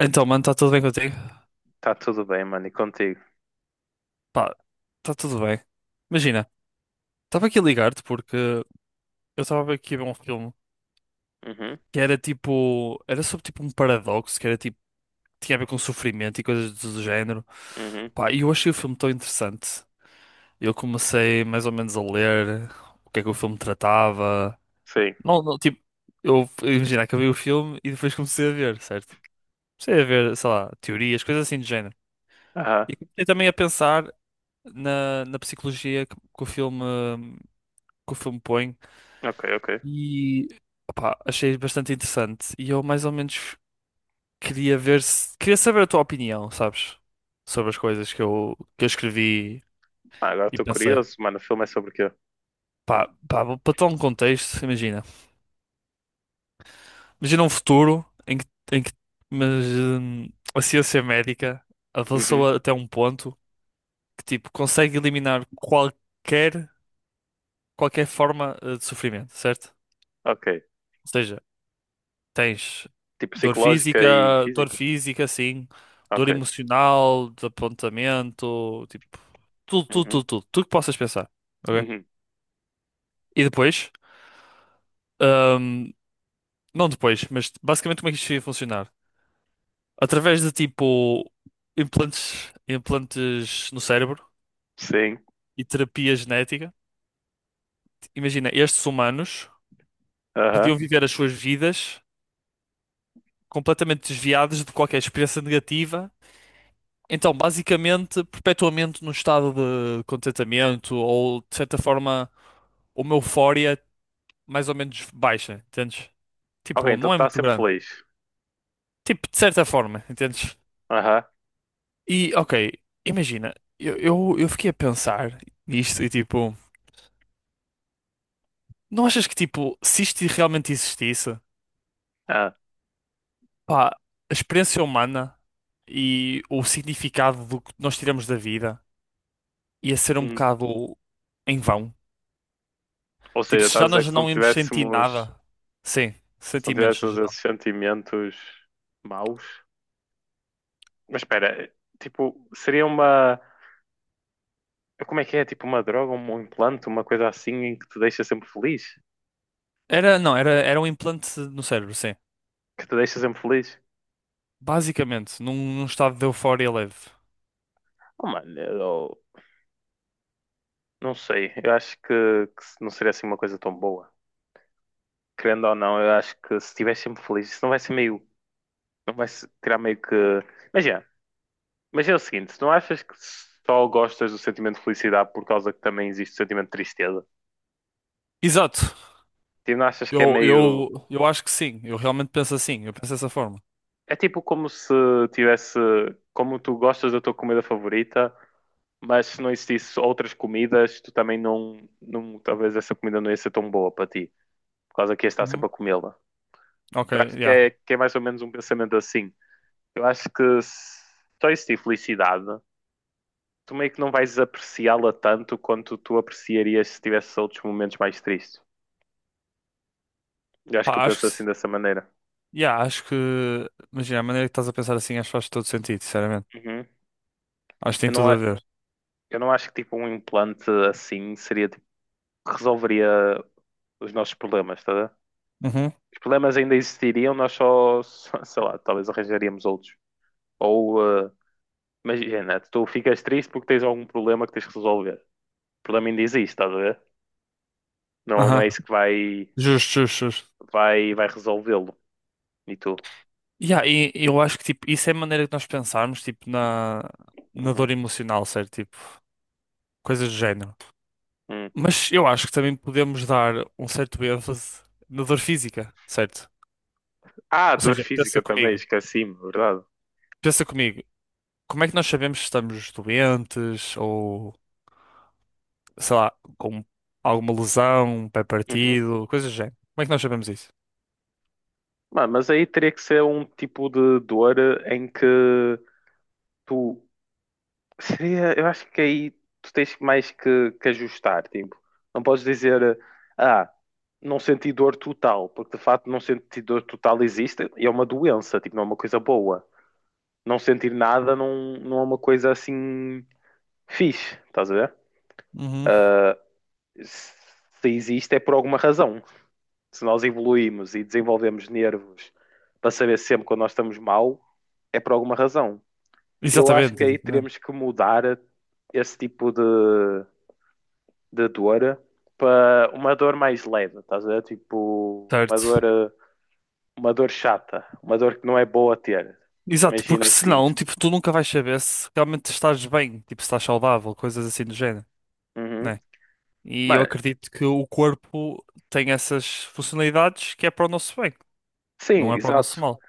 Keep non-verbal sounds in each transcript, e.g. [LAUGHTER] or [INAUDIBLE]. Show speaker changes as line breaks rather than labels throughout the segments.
Então, mano, está tudo bem contigo?
Tá tudo bem, mano, e contigo?
Pá, está tudo bem. Imagina, estava aqui a ligar-te porque eu estava aqui a ver um filme
Uhum.
que era tipo. Era sobre tipo um paradoxo, que era tipo. Tinha a ver com sofrimento e coisas do género.
Uhum.
Pá, e eu achei o filme tão interessante. Eu comecei mais ou menos a ler o que é que o filme tratava.
Sim.
Não, não, tipo. Imagina, acabei o filme e depois comecei a ver, certo? Comecei a ver, sei lá, teorias, coisas assim do género.
Aham.
E comecei também a pensar na psicologia que o filme põe
Ok, ok.
e opá, achei bastante interessante. E eu mais ou menos queria ver se queria saber a tua opinião, sabes? Sobre as coisas que eu escrevi
Ah, agora
e
estou
pensei.
curioso, mano, o filme é sobre o quê?
Para tal um contexto, imagina. Imagina um futuro em que mas, hum, a ciência médica
Uhum.
avançou até um ponto que tipo consegue eliminar qualquer forma de sofrimento, certo?
Ok.
Ou seja, tens
Tipo psicológica e
dor
física?
física, sim, dor
Ok.
emocional, de apontamento, tipo, tudo, tudo,
Uhum.
tudo, tudo, tudo que possas pensar. Ok?
Uhum.
E depois, hum, não depois, mas basicamente como é que isto ia funcionar? Através de tipo implantes no cérebro
Sim.
e terapia genética. Imagina, estes humanos
Aham.
podiam viver as suas vidas completamente desviados de qualquer experiência negativa. Então, basicamente, perpetuamente num estado de contentamento ou, de certa forma, uma eufória mais ou menos baixa, entendes?
Ok,
Tipo,
então
não é
tá
muito
sempre
grande.
feliz.
Tipo, de certa forma, entendes?
Aham.
E, ok, imagina, eu fiquei a pensar nisto e, tipo, não achas que, tipo, se isto realmente existisse,
Ah.
pá, a experiência humana e o significado do que nós tiramos da vida ia ser um
Uhum.
bocado em vão?
Ou
Tipo,
seja,
se
estás a
já
dizer que
nós não íamos sentir nada. Sim,
se não
sentimentos no
tivéssemos esses
geral.
sentimentos maus? Mas espera, tipo, seria uma, como é que é? Tipo uma droga, um implante, uma coisa assim em que te deixa sempre feliz?
Era, não, era, era um implante no cérebro, sim.
Que te deixa sempre feliz?
Basicamente, num estado de euforia leve.
Oh, mano, eu não sei. Eu acho que não seria assim uma coisa tão boa. Querendo ou não, eu acho que se estiver sempre feliz, isso não vai ser meio. Não vai se- tirar meio que. Imagina, imagina o seguinte: se não achas que só gostas do sentimento de felicidade por causa que também existe o sentimento de tristeza?
Exato.
Tipo, não achas que é meio.
Eu acho que sim. Eu realmente penso assim. Eu penso dessa forma.
É tipo como se tivesse. Como tu gostas da tua comida favorita, mas se não existisse outras comidas, tu também não. Não talvez essa comida não ia ser tão boa para ti, por causa que ias estar sempre
Uhum.
a comê-la.
Ok,
Eu acho que
yeah.
é mais ou menos um pensamento assim. Eu acho que se só existir felicidade, tu meio que não vais apreciá-la tanto quanto tu apreciarias se tivesses outros momentos mais tristes. Eu acho que eu
Pá, acho que,
penso
se-
assim dessa maneira.
Yeah, acho que, imagina, a maneira que estás a pensar assim, acho que faz todo sentido, sinceramente.
Uhum.
Acho que tem
Eu não,
tudo a
a-
ver.
eu não acho que tipo um implante assim seria tipo, resolveria os nossos problemas, tá? A ver?
Uhum.
Os problemas ainda existiriam, nós [LAUGHS] sei lá, talvez arranjaríamos outros. Ou, eh, imagina, tu ficas triste porque tens algum problema que tens que resolver. O problema ainda existe, estás a ver? Não, não
Aham.
é isso que
Justo, justo, justo.
vai resolvê-lo. E tu?
Yeah, e eu acho que, tipo, isso é a maneira que nós pensarmos, tipo, na
Uhum.
dor emocional, certo? Tipo, coisas do género.
Uhum.
Mas eu acho que também podemos dar um certo ênfase na dor física, certo?
Ah,
Ou
dor
seja,
física também, esqueci-me, verdade.
pensa comigo, como é que nós sabemos se estamos doentes ou, sei lá, com alguma lesão, um pé
Uhum.
partido, coisas do género? Como é que nós sabemos isso?
Mano, mas aí teria que ser um tipo de dor em que tu [LAUGHS] seria, eu acho que aí tu tens mais que ajustar, tipo, não podes dizer, ah, não senti dor total, porque de facto não sentir dor total existe, e é uma doença, tipo, não é uma coisa boa. Não sentir nada não, não é uma coisa assim fixe, estás a ver?
Uhum.
Se existe é por alguma razão. Se nós evoluímos e desenvolvemos nervos para saber sempre quando nós estamos mal, é por alguma razão. Eu acho
Exatamente,
que aí
exatamente.
teremos que mudar esse tipo de dor para uma dor mais leve, estás a ver? Tipo,
Certo.
uma dor chata, uma dor que não é boa a ter.
Exato,
Imagina
porque
o seguinte.
senão, tipo, tu nunca vais saber se realmente estás bem, tipo, se estás saudável, coisas assim do género,
Uhum.
né? E eu
Mano,
acredito que o corpo tem essas funcionalidades que é para o nosso bem.
sim,
Não é para o
exato.
nosso mal.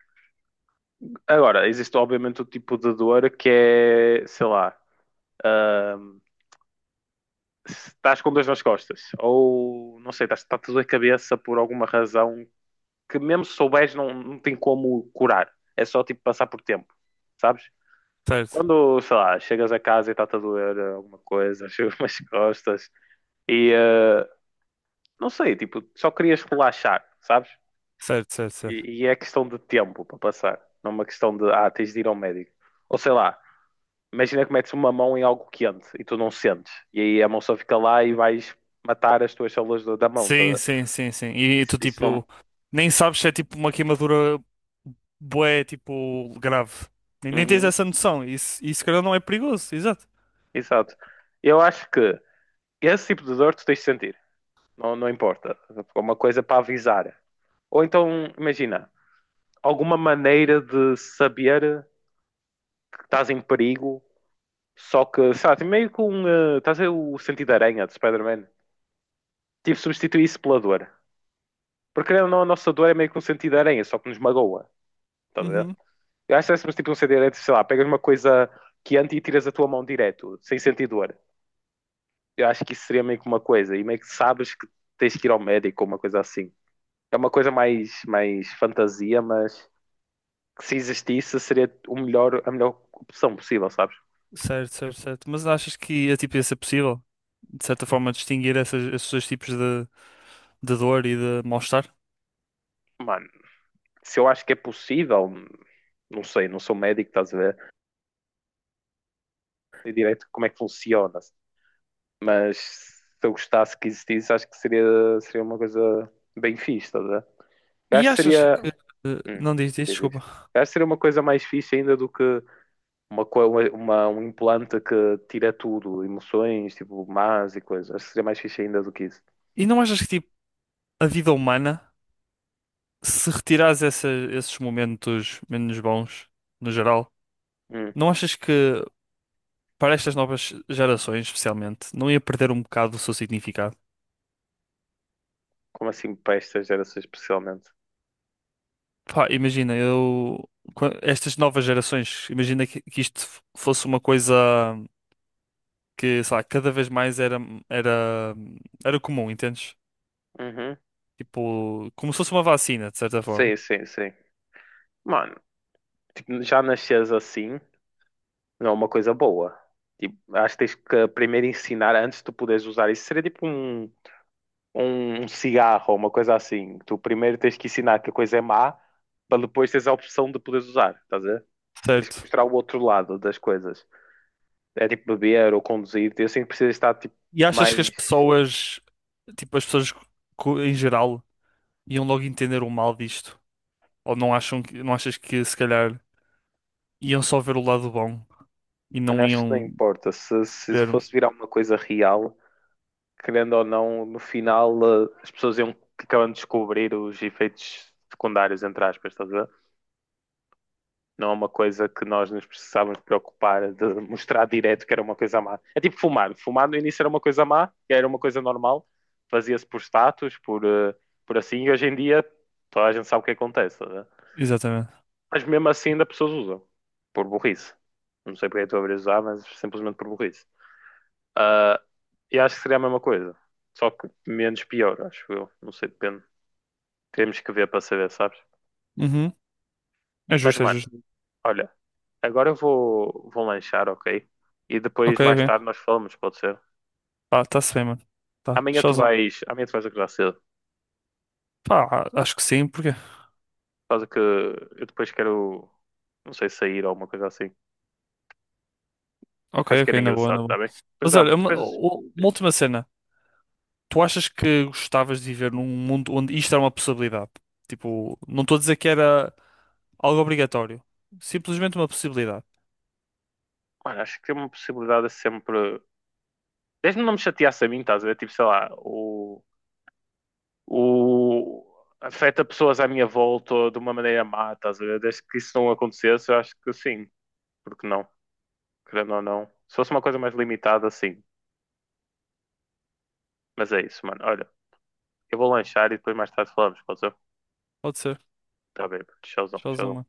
Agora, existe obviamente o tipo de dor que é, sei lá, hum, se estás com dois nas costas, ou não sei, estás, está tudo a cabeça por alguma razão que mesmo se souberes não, não tem como curar. É só tipo passar por tempo, sabes?
Certo,
Quando, sei lá, chegas a casa e está-te a doer alguma coisa, [LAUGHS] chegas umas costas e não sei, tipo, só querias relaxar, sabes?
certo, certo, certo.
E é questão de tempo para passar, não é uma questão de ah, tens de ir ao médico. Ou sei lá, imagina que metes uma mão em algo quente e tu não sentes, e aí a mão só fica lá e vais matar as tuas células do- da mão,
Sim,
tá?
sim, sim, sim. E
Isso,
tu,
isso
tipo,
não.
nem sabes se é tipo uma queimadura bué, tipo, grave. Nem tens
Uhum,
essa noção. Isso, se calhar, não é perigoso, exato.
exato. Eu acho que esse tipo de dor tu tens de sentir. Não, não importa. É uma coisa para avisar. Ou então, imagina, alguma maneira de saber que estás em perigo, só que, sabe, meio com. Estás a ver o sentido de aranha de Spider-Man? Tipo, substituir isso pela dor. Porque querendo ou não, a nossa dor é meio que um sentido de aranha, só que nos magoa. Estás a ver?
Uhum.
Eu acho que é tipo um sentido de aranha, sei lá, pegas uma coisa quente e tiras a tua mão direto, sem sentir dor. Eu acho que isso seria meio que uma coisa, e meio que sabes que tens que ir ao médico ou uma coisa assim. É uma coisa mais fantasia, mas que se existisse seria o melhor, a melhor opção possível, sabes?
Certo, certo, certo. Mas achas que é, tipo, ia ser possível, de certa forma, distinguir esses dois tipos de dor e de mal-estar?
Mano, se eu acho que é possível, não sei, não sou médico, estás a ver? Sei direito como é que funciona, mas se eu gostasse que existisse, acho que seria uma coisa bem fixe, estás a ver? Eu acho que seria. Hum,
Não diz, diz,
diz, diz.
desculpa.
Eu acho que seria uma coisa mais fixe ainda do que uma, co- uma- um implante que tira tudo, emoções, tipo, más e coisas. Acho que seria mais fixe ainda do que isso.
E não achas que tipo, a vida humana, se retirares esses momentos menos bons, no geral,
Hum,
não achas que para estas novas gerações, especialmente, não ia perder um bocado do seu significado?
como assim para esta geração especialmente?
Pá, imagina, eu. Qua- Estas novas gerações, imagina que isto fosse uma coisa que, sei lá, cada vez mais era, era comum, entendes?
Uhum.
Tipo, como se fosse uma vacina, de certa
Sim,
forma.
sim, sim. Mano, tipo, já nasces assim, não é uma coisa boa. Tipo, acho que tens que primeiro ensinar antes de tu poderes usar. Isso seria tipo um, um cigarro, ou uma coisa assim. Tu primeiro tens que ensinar que a coisa é má, para depois teres a opção de poderes usar, estás a ver? Tens que
Certo.
mostrar o outro lado das coisas. É tipo beber ou conduzir, eu sinto que precisa estar tipo
E achas que
mais.
as pessoas em geral iam logo entender o mal disto? Ou não acham que, não achas que se calhar iam só ver o lado bom e
Mano,
não
acho que não
iam
importa. Se
ver.
fosse virar uma coisa real, querendo ou não, no final as pessoas iam acabando de descobrir os efeitos secundários, entre aspas, estás a ver? Não é uma coisa que nós nos precisávamos preocupar de mostrar direto que era uma coisa má. É tipo fumar. Fumar no início era uma coisa má, era uma coisa normal, fazia-se por status, por, por assim, e hoje em dia toda a gente sabe o que acontece, estás a.
Exatamente.
Mas mesmo assim ainda pessoas usam. Por burrice. Não sei porque é que estou a abrir usar, mas simplesmente por burrice. Ah, e acho que seria a mesma coisa. Só que menos pior, acho eu. Não sei, depende. Temos que ver para saber, sabes?
Uhum. É
Mas,
justo, é
mano,
justo.
olha. Agora eu vou lanchar, ok? E depois,
Ok,
mais tarde,
ok.
nós falamos, pode ser?
Pá, tá-se bem, mano. Tá, showzão.
Amanhã tu vais acordar cedo. Por
Pá, acho que sim, porque.
causa que eu depois quero... Não sei, sair ou alguma coisa assim.
Ok,
Acho que
ok,
era
na boa, na
engraçado, tá
boa.
bem? Depois,
Mas olha,
amanhã, depois...
uma
Diz.
última cena. Tu achas que gostavas de viver num mundo onde isto era uma possibilidade? Tipo, não estou a dizer que era algo obrigatório. Simplesmente uma possibilidade.
Mano, acho que tem uma possibilidade é sempre. Desde não me chateasse a mim, estás a ver? Tipo, sei lá, o afeta pessoas à minha volta de uma maneira má, estás a ver? Desde que isso não acontecesse, eu acho que sim, porque não, querendo ou não. Se fosse uma coisa mais limitada, sim. Mas é isso, mano. Olha, eu vou lanchar e depois mais tarde falamos, pode ser?
Pode ser.
Tá bem, showzão,
Showzão,
showzão.
mano.